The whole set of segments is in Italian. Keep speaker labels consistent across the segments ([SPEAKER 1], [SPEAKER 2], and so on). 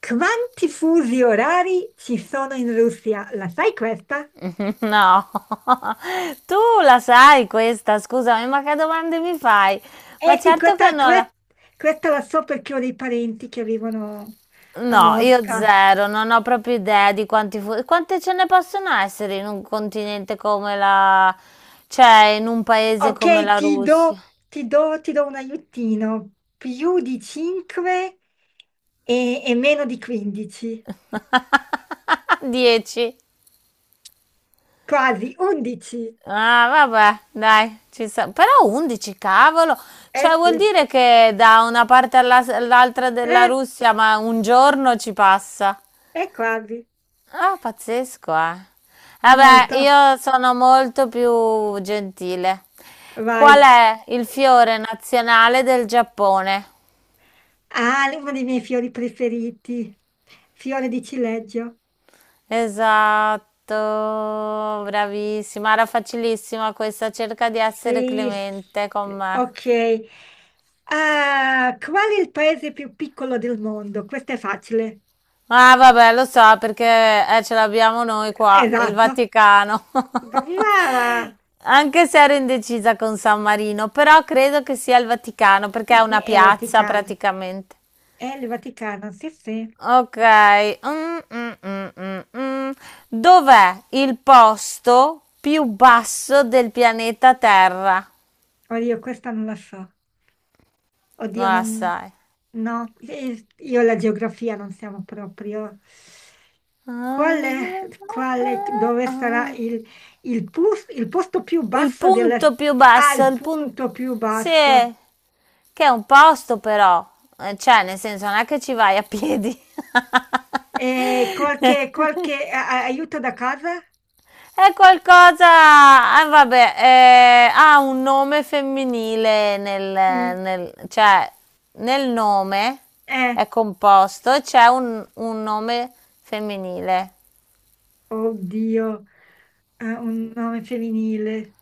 [SPEAKER 1] Quanti fusi orari ci sono in Russia? La sai questa?
[SPEAKER 2] No. Tu la sai questa, scusami, ma che domande mi fai? Ma
[SPEAKER 1] Eh sì,
[SPEAKER 2] certo che non la...
[SPEAKER 1] questa la so perché ho dei parenti che vivono a
[SPEAKER 2] No, io
[SPEAKER 1] Mosca.
[SPEAKER 2] zero, non ho proprio idea di quanti quante ce ne possono essere in un continente come la... Cioè, in un paese come
[SPEAKER 1] Ok,
[SPEAKER 2] la Russia.
[SPEAKER 1] ti do un aiutino. Più di 5 e meno di 15.
[SPEAKER 2] 10.
[SPEAKER 1] Quasi 11.
[SPEAKER 2] Ah, vabbè, dai, ci sta. Però 11, cavolo.
[SPEAKER 1] Eh
[SPEAKER 2] Cioè, vuol
[SPEAKER 1] sì,
[SPEAKER 2] dire che da una parte all'altra della
[SPEAKER 1] eh,
[SPEAKER 2] Russia, ma un giorno ci passa.
[SPEAKER 1] è quasi.
[SPEAKER 2] Ah, pazzesco, eh. Vabbè,
[SPEAKER 1] Molto.
[SPEAKER 2] io sono molto più gentile. Qual
[SPEAKER 1] Vai.
[SPEAKER 2] è il fiore nazionale del Giappone?
[SPEAKER 1] Ah, uno dei miei fiori preferiti. Fiore di cileggio.
[SPEAKER 2] Esatto, bravissima, era facilissima questa, cerca di essere
[SPEAKER 1] Sì,
[SPEAKER 2] clemente con me.
[SPEAKER 1] ok. Ah, qual è il paese più piccolo del mondo? Questo è facile.
[SPEAKER 2] Ah, vabbè, lo so perché ce l'abbiamo noi qua, il
[SPEAKER 1] Esatto.
[SPEAKER 2] Vaticano.
[SPEAKER 1] Brava!
[SPEAKER 2] Anche se ero indecisa con San Marino, però credo che sia il Vaticano perché è
[SPEAKER 1] Sì, sì,
[SPEAKER 2] una
[SPEAKER 1] è il
[SPEAKER 2] piazza
[SPEAKER 1] Vaticano.
[SPEAKER 2] praticamente.
[SPEAKER 1] È il Vaticano, sì, sì.
[SPEAKER 2] Ok. mm, mm, mm, mm, mm. Dov'è il posto più basso del pianeta Terra?
[SPEAKER 1] Oddio, questa non la so. Oddio,
[SPEAKER 2] Non la
[SPEAKER 1] non.
[SPEAKER 2] sai.
[SPEAKER 1] No, io e la geografia non siamo proprio. Qual è, Dove sarà il, il posto più
[SPEAKER 2] Il
[SPEAKER 1] basso del.
[SPEAKER 2] punto più
[SPEAKER 1] Ah,
[SPEAKER 2] basso,
[SPEAKER 1] il
[SPEAKER 2] il punto...
[SPEAKER 1] punto più
[SPEAKER 2] Sì,
[SPEAKER 1] basso.
[SPEAKER 2] che è un posto però. Cioè, nel senso, non è che ci vai a piedi.
[SPEAKER 1] E aiuto da casa?
[SPEAKER 2] È qualcosa, vabbè, ha un nome femminile
[SPEAKER 1] Sì.
[SPEAKER 2] cioè, nel nome
[SPEAKER 1] Eh,
[SPEAKER 2] è composto e c'è un nome femminile.
[SPEAKER 1] Oddio, un nome femminile.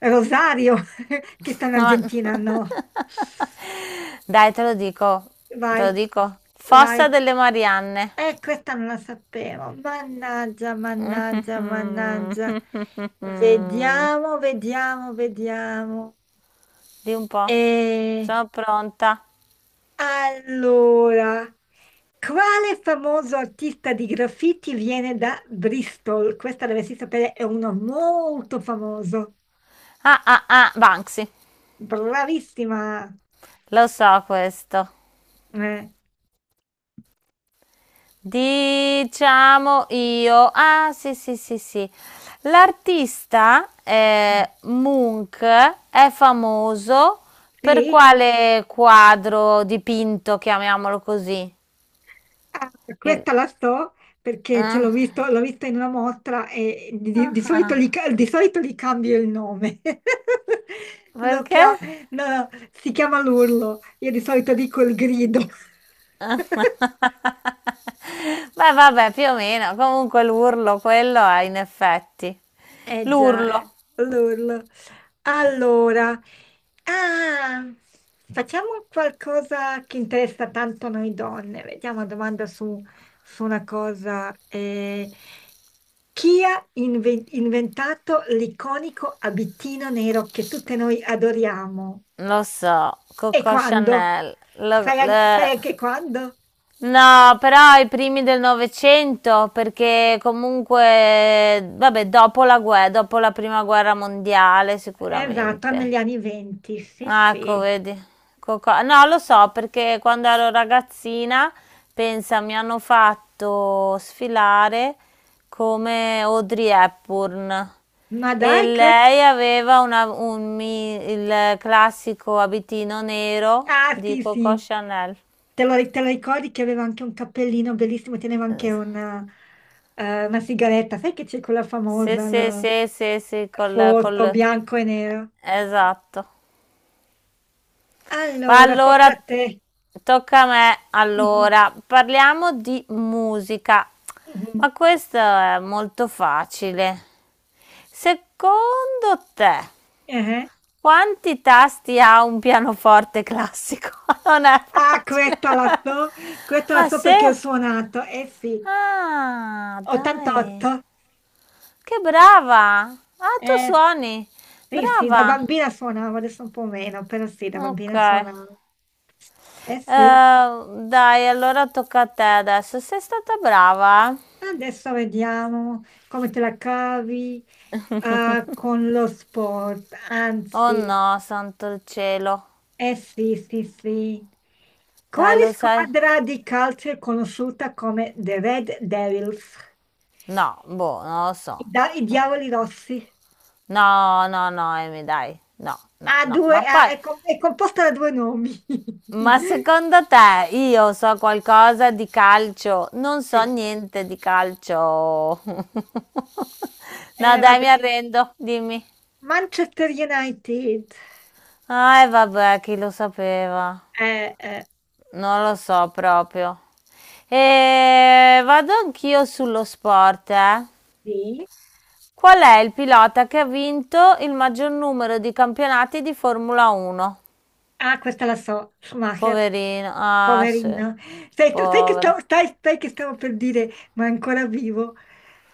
[SPEAKER 1] Rosario, che sta in
[SPEAKER 2] Ma-
[SPEAKER 1] Argentina, no.
[SPEAKER 2] Dai, te lo dico, te
[SPEAKER 1] Vai,
[SPEAKER 2] lo dico.
[SPEAKER 1] vai.
[SPEAKER 2] Fossa delle Marianne.
[SPEAKER 1] Questa non la sapevo. Mannaggia, mannaggia, mannaggia. Vediamo, vediamo, vediamo.
[SPEAKER 2] Di un po'.
[SPEAKER 1] E
[SPEAKER 2] Sono pronta.
[SPEAKER 1] allora, quale famoso artista di graffiti viene da Bristol? Questa dovresti sapere, è uno molto famoso.
[SPEAKER 2] Ah, ah, ah, Banksy.
[SPEAKER 1] Bravissima.
[SPEAKER 2] Lo so questo.
[SPEAKER 1] Eh,
[SPEAKER 2] Diciamo io. Ah, sì, sì, sì, sì. L'artista Munch è famoso per
[SPEAKER 1] sì?
[SPEAKER 2] quale quadro dipinto, chiamiamolo così?
[SPEAKER 1] Ah,
[SPEAKER 2] Il...
[SPEAKER 1] questa la so perché ce l'ho
[SPEAKER 2] Ah.
[SPEAKER 1] visto, l'ho vista in una mostra e di solito,
[SPEAKER 2] Ah.
[SPEAKER 1] di solito gli cambio il nome. Lo
[SPEAKER 2] Perché?
[SPEAKER 1] chia- no, no, si chiama l'urlo, io di solito dico il grido.
[SPEAKER 2] Ah. Beh, vabbè, più o meno. Comunque l'urlo, quello è in effetti.
[SPEAKER 1] Eh già,
[SPEAKER 2] L'urlo.
[SPEAKER 1] l'urlo. Allora, ah, facciamo qualcosa che interessa tanto noi donne. Vediamo una domanda su, su una cosa. Chi ha inventato l'iconico abitino nero che tutte noi adoriamo?
[SPEAKER 2] Lo so,
[SPEAKER 1] E
[SPEAKER 2] Coco
[SPEAKER 1] quando?
[SPEAKER 2] Chanel.
[SPEAKER 1] Sai anche quando?
[SPEAKER 2] No, però ai primi del Novecento, perché comunque, vabbè, dopo la guerra, dopo la prima guerra mondiale
[SPEAKER 1] Esatto,
[SPEAKER 2] sicuramente.
[SPEAKER 1] negli anni venti, sì,
[SPEAKER 2] Ah, ecco,
[SPEAKER 1] sì.
[SPEAKER 2] vedi. No, lo so, perché quando ero ragazzina, pensa, mi hanno fatto sfilare come Audrey Hepburn
[SPEAKER 1] Ma
[SPEAKER 2] e
[SPEAKER 1] dai, que-
[SPEAKER 2] lei aveva il classico abitino nero
[SPEAKER 1] Ah,
[SPEAKER 2] di
[SPEAKER 1] sì,
[SPEAKER 2] Coco
[SPEAKER 1] sì.
[SPEAKER 2] Chanel.
[SPEAKER 1] Te lo ricordi che aveva anche un cappellino bellissimo, teneva anche
[SPEAKER 2] Eh,
[SPEAKER 1] una sigaretta. Sai che c'è quella
[SPEAKER 2] Sì,
[SPEAKER 1] famosa,
[SPEAKER 2] sì,
[SPEAKER 1] no?
[SPEAKER 2] sì, sì, sì, col,
[SPEAKER 1] Foto
[SPEAKER 2] col...
[SPEAKER 1] bianco e nero?
[SPEAKER 2] Esatto. Ma
[SPEAKER 1] Allora, tocca
[SPEAKER 2] allora,
[SPEAKER 1] a te.
[SPEAKER 2] tocca a me.
[SPEAKER 1] Mhm,
[SPEAKER 2] Allora, parliamo di musica.
[SPEAKER 1] mhm,
[SPEAKER 2] Ma questo è molto facile. Secondo te,
[SPEAKER 1] eh.
[SPEAKER 2] quanti tasti ha un pianoforte classico? Non è
[SPEAKER 1] Ah,
[SPEAKER 2] facile.
[SPEAKER 1] questa la
[SPEAKER 2] Ah,
[SPEAKER 1] so
[SPEAKER 2] sì?
[SPEAKER 1] perché ho suonato. Eh sì,
[SPEAKER 2] Ah, dai.
[SPEAKER 1] 88.
[SPEAKER 2] Che brava. Ah, tu
[SPEAKER 1] Eh
[SPEAKER 2] suoni.
[SPEAKER 1] sì, sì, da
[SPEAKER 2] Brava.
[SPEAKER 1] bambina suonavo, adesso un po' meno, però sì, da
[SPEAKER 2] Ok.
[SPEAKER 1] bambina suonavo. Eh sì.
[SPEAKER 2] Dai, allora tocca a te adesso. Sei stata brava? Eh?
[SPEAKER 1] Adesso vediamo come te la cavi con lo sport.
[SPEAKER 2] Oh
[SPEAKER 1] Anzi,
[SPEAKER 2] no, santo il cielo.
[SPEAKER 1] eh sì, sì, sì.
[SPEAKER 2] Dai,
[SPEAKER 1] Quale
[SPEAKER 2] lo sai?
[SPEAKER 1] squadra di calcio è conosciuta come The Red Devils?
[SPEAKER 2] No, boh, non lo
[SPEAKER 1] I,
[SPEAKER 2] so.
[SPEAKER 1] da- i Diavoli Rossi.
[SPEAKER 2] No, no, no, Amy, dai. No, no, no. Ma poi,
[SPEAKER 1] È composta da due nomi.
[SPEAKER 2] ma secondo te io so qualcosa di calcio? Non so
[SPEAKER 1] E
[SPEAKER 2] niente di calcio. No, dai, mi
[SPEAKER 1] vabbè.
[SPEAKER 2] arrendo, dimmi.
[SPEAKER 1] Manchester United.
[SPEAKER 2] Ah, e vabbè, chi lo sapeva?
[SPEAKER 1] Eh, eh,
[SPEAKER 2] Non lo so proprio. E vado anch'io sullo sport, eh.
[SPEAKER 1] sì.
[SPEAKER 2] Qual è il pilota che ha vinto il maggior numero di campionati di Formula 1?
[SPEAKER 1] Ah, questa la so. Schumacher.
[SPEAKER 2] Poverino. Ah, sì.
[SPEAKER 1] Poverino, sai che stavo,
[SPEAKER 2] Povero.
[SPEAKER 1] sai che stavo per dire, ma è ancora vivo.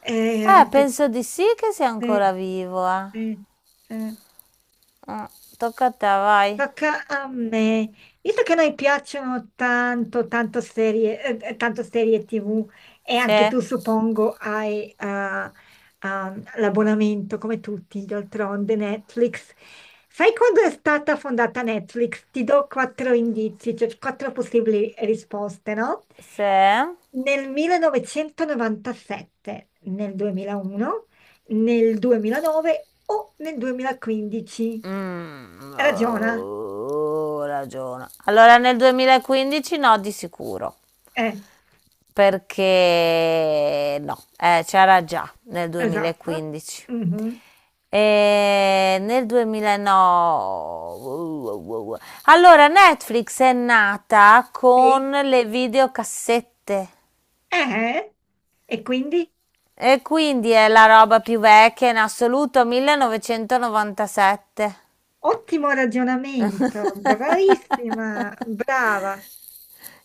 [SPEAKER 1] Eh, erano te-
[SPEAKER 2] Penso di sì che sia
[SPEAKER 1] sì,
[SPEAKER 2] ancora vivo, eh.
[SPEAKER 1] sì, sì.
[SPEAKER 2] Mm, Tocca a te, vai.
[SPEAKER 1] Tocca a me. Visto che a noi piacciono tanto, tanto serie TV e
[SPEAKER 2] Se,
[SPEAKER 1] anche tu suppongo hai l'abbonamento come tutti, d'altronde Netflix. Sai quando è stata fondata Netflix? Ti do quattro indizi, cioè quattro possibili risposte, no?
[SPEAKER 2] se.
[SPEAKER 1] Nel 1997, nel 2001, nel 2009 o nel 2015. Ragiona.
[SPEAKER 2] Oh, ragiona. Allora nel 2015, no, di sicuro.
[SPEAKER 1] Eh,
[SPEAKER 2] Perché no, c'era già nel
[SPEAKER 1] esatto.
[SPEAKER 2] 2015.
[SPEAKER 1] Mhm,
[SPEAKER 2] E nel 2009. Allora, Netflix è nata
[SPEAKER 1] sì.
[SPEAKER 2] con le videocassette
[SPEAKER 1] Eh, e quindi
[SPEAKER 2] e quindi è la roba più vecchia in assoluto, 1997.
[SPEAKER 1] ottimo ragionamento. Bravissima, brava.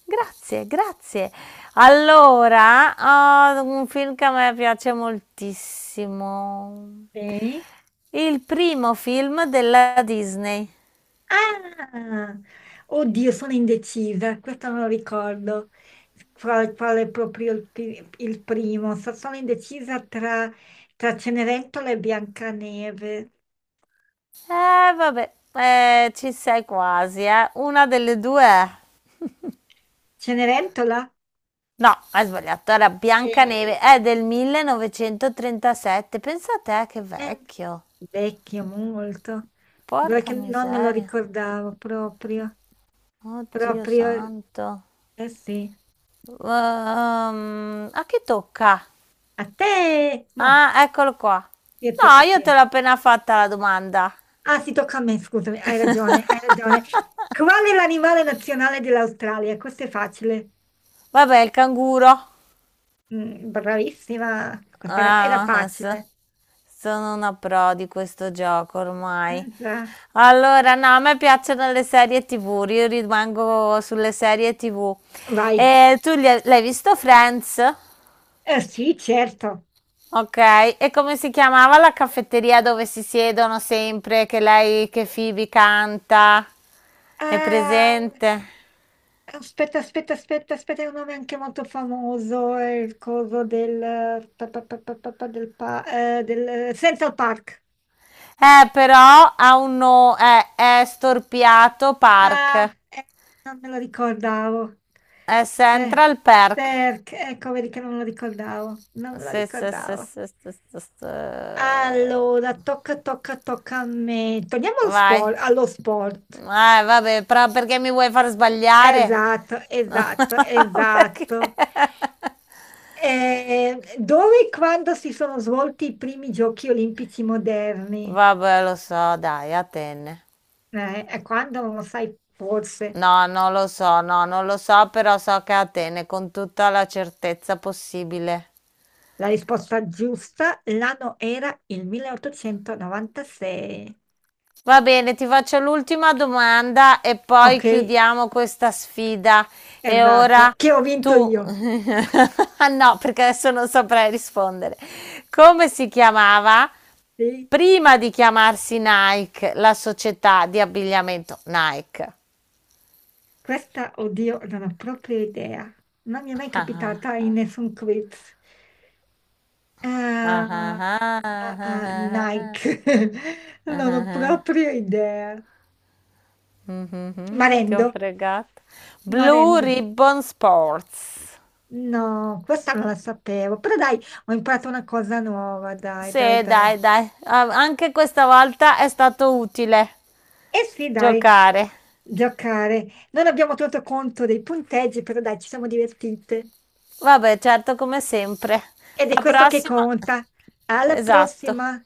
[SPEAKER 2] Grazie, grazie. Allora, un film che a me piace moltissimo.
[SPEAKER 1] Sì.
[SPEAKER 2] Il primo film della Disney.
[SPEAKER 1] Ah, oddio, sono indecisa, questo non lo ricordo, qual è proprio il, il primo. Sono indecisa tra, Cenerentola e Biancaneve.
[SPEAKER 2] Vabbè, ci sei quasi, eh. Una delle due è.
[SPEAKER 1] Cenerentola
[SPEAKER 2] No, hai sbagliato, era Biancaneve,
[SPEAKER 1] è,
[SPEAKER 2] è del 1937. Pensate, che
[SPEAKER 1] è
[SPEAKER 2] vecchio.
[SPEAKER 1] vecchio molto, guarda
[SPEAKER 2] Porca
[SPEAKER 1] che non me lo
[SPEAKER 2] miseria.
[SPEAKER 1] ricordavo proprio,
[SPEAKER 2] Oddio
[SPEAKER 1] proprio,
[SPEAKER 2] santo.
[SPEAKER 1] eh sì.
[SPEAKER 2] A chi tocca?
[SPEAKER 1] A te, no,
[SPEAKER 2] Ah, eccolo qua. No,
[SPEAKER 1] a
[SPEAKER 2] io
[SPEAKER 1] te.
[SPEAKER 2] te l'ho appena fatta la domanda.
[SPEAKER 1] Ah, sì, tocca a me, scusami, hai ragione, hai ragione. Qual è l'animale nazionale dell'Australia? Questo è facile.
[SPEAKER 2] Vabbè, il canguro.
[SPEAKER 1] Mm, bravissima, questa era, era
[SPEAKER 2] Ah, ma
[SPEAKER 1] facile.
[SPEAKER 2] sono una pro di questo gioco ormai.
[SPEAKER 1] Mm, già.
[SPEAKER 2] Allora, no, a me piacciono le serie TV, io rimango sulle serie TV.
[SPEAKER 1] Vai.
[SPEAKER 2] E tu l'hai visto Friends?
[SPEAKER 1] Sì, certo.
[SPEAKER 2] Ok, e come si chiamava la caffetteria dove si siedono sempre, che lei, che Phoebe canta? È
[SPEAKER 1] Eh,
[SPEAKER 2] presente?
[SPEAKER 1] Aspetta, aspetta, aspetta, aspetta, è un nome anche molto famoso, è il coso del, pa- pa- pa- pa- pa- pa- del Central Park.
[SPEAKER 2] Però ha un no, è storpiato
[SPEAKER 1] Ah,
[SPEAKER 2] Park.
[SPEAKER 1] non me lo ricordavo.
[SPEAKER 2] È
[SPEAKER 1] Eh,
[SPEAKER 2] Central Park.
[SPEAKER 1] Perché? Ecco, vedi che non me lo ricordavo. Non me lo
[SPEAKER 2] Sì, sì, sì,
[SPEAKER 1] ricordavo.
[SPEAKER 2] sì, sì, sì, sì.
[SPEAKER 1] Allora, tocca a me. Torniamo allo
[SPEAKER 2] Vai.
[SPEAKER 1] sport. Allo sport.
[SPEAKER 2] Vabbè, però perché mi vuoi far sbagliare?
[SPEAKER 1] Esatto,
[SPEAKER 2] No,
[SPEAKER 1] esatto,
[SPEAKER 2] perché?
[SPEAKER 1] esatto. Dove e quando si sono svolti i primi giochi olimpici moderni?
[SPEAKER 2] Vabbè, lo so, dai, Atene.
[SPEAKER 1] E quando non lo sai, forse.
[SPEAKER 2] No, non lo so, no, non lo so, però so che è Atene con tutta la certezza possibile.
[SPEAKER 1] La risposta giusta, l'anno era il 1896.
[SPEAKER 2] Va bene, ti faccio l'ultima domanda e poi
[SPEAKER 1] Ok,
[SPEAKER 2] chiudiamo questa sfida. E
[SPEAKER 1] esatto,
[SPEAKER 2] ora
[SPEAKER 1] che ho vinto
[SPEAKER 2] tu,
[SPEAKER 1] io.
[SPEAKER 2] ah, no, perché adesso non saprei rispondere. Come si chiamava
[SPEAKER 1] Sì?
[SPEAKER 2] prima di chiamarsi Nike, la società di abbigliamento Nike?
[SPEAKER 1] Questa, oddio, non ho proprio idea. Non mi è mai
[SPEAKER 2] Ah,
[SPEAKER 1] capitata in nessun quiz.
[SPEAKER 2] ah,
[SPEAKER 1] Ah, ah, ah,
[SPEAKER 2] ah, ah,
[SPEAKER 1] Nike, non ho proprio idea.
[SPEAKER 2] mhm, ti ho
[SPEAKER 1] Marendo,
[SPEAKER 2] fregato. Blue
[SPEAKER 1] Marendo.
[SPEAKER 2] Ribbon Sports.
[SPEAKER 1] No, questa non la sapevo, però dai, ho imparato una cosa nuova, dai, dai,
[SPEAKER 2] Sì,
[SPEAKER 1] dai.
[SPEAKER 2] dai, dai, anche questa volta è stato utile
[SPEAKER 1] Eh sì, dai,
[SPEAKER 2] giocare.
[SPEAKER 1] giocare. Non abbiamo tenuto conto dei punteggi, però dai, ci siamo divertite.
[SPEAKER 2] Vabbè, certo, come sempre.
[SPEAKER 1] Ed è
[SPEAKER 2] La
[SPEAKER 1] questo che
[SPEAKER 2] prossima.
[SPEAKER 1] conta. Alla
[SPEAKER 2] Esatto.
[SPEAKER 1] prossima!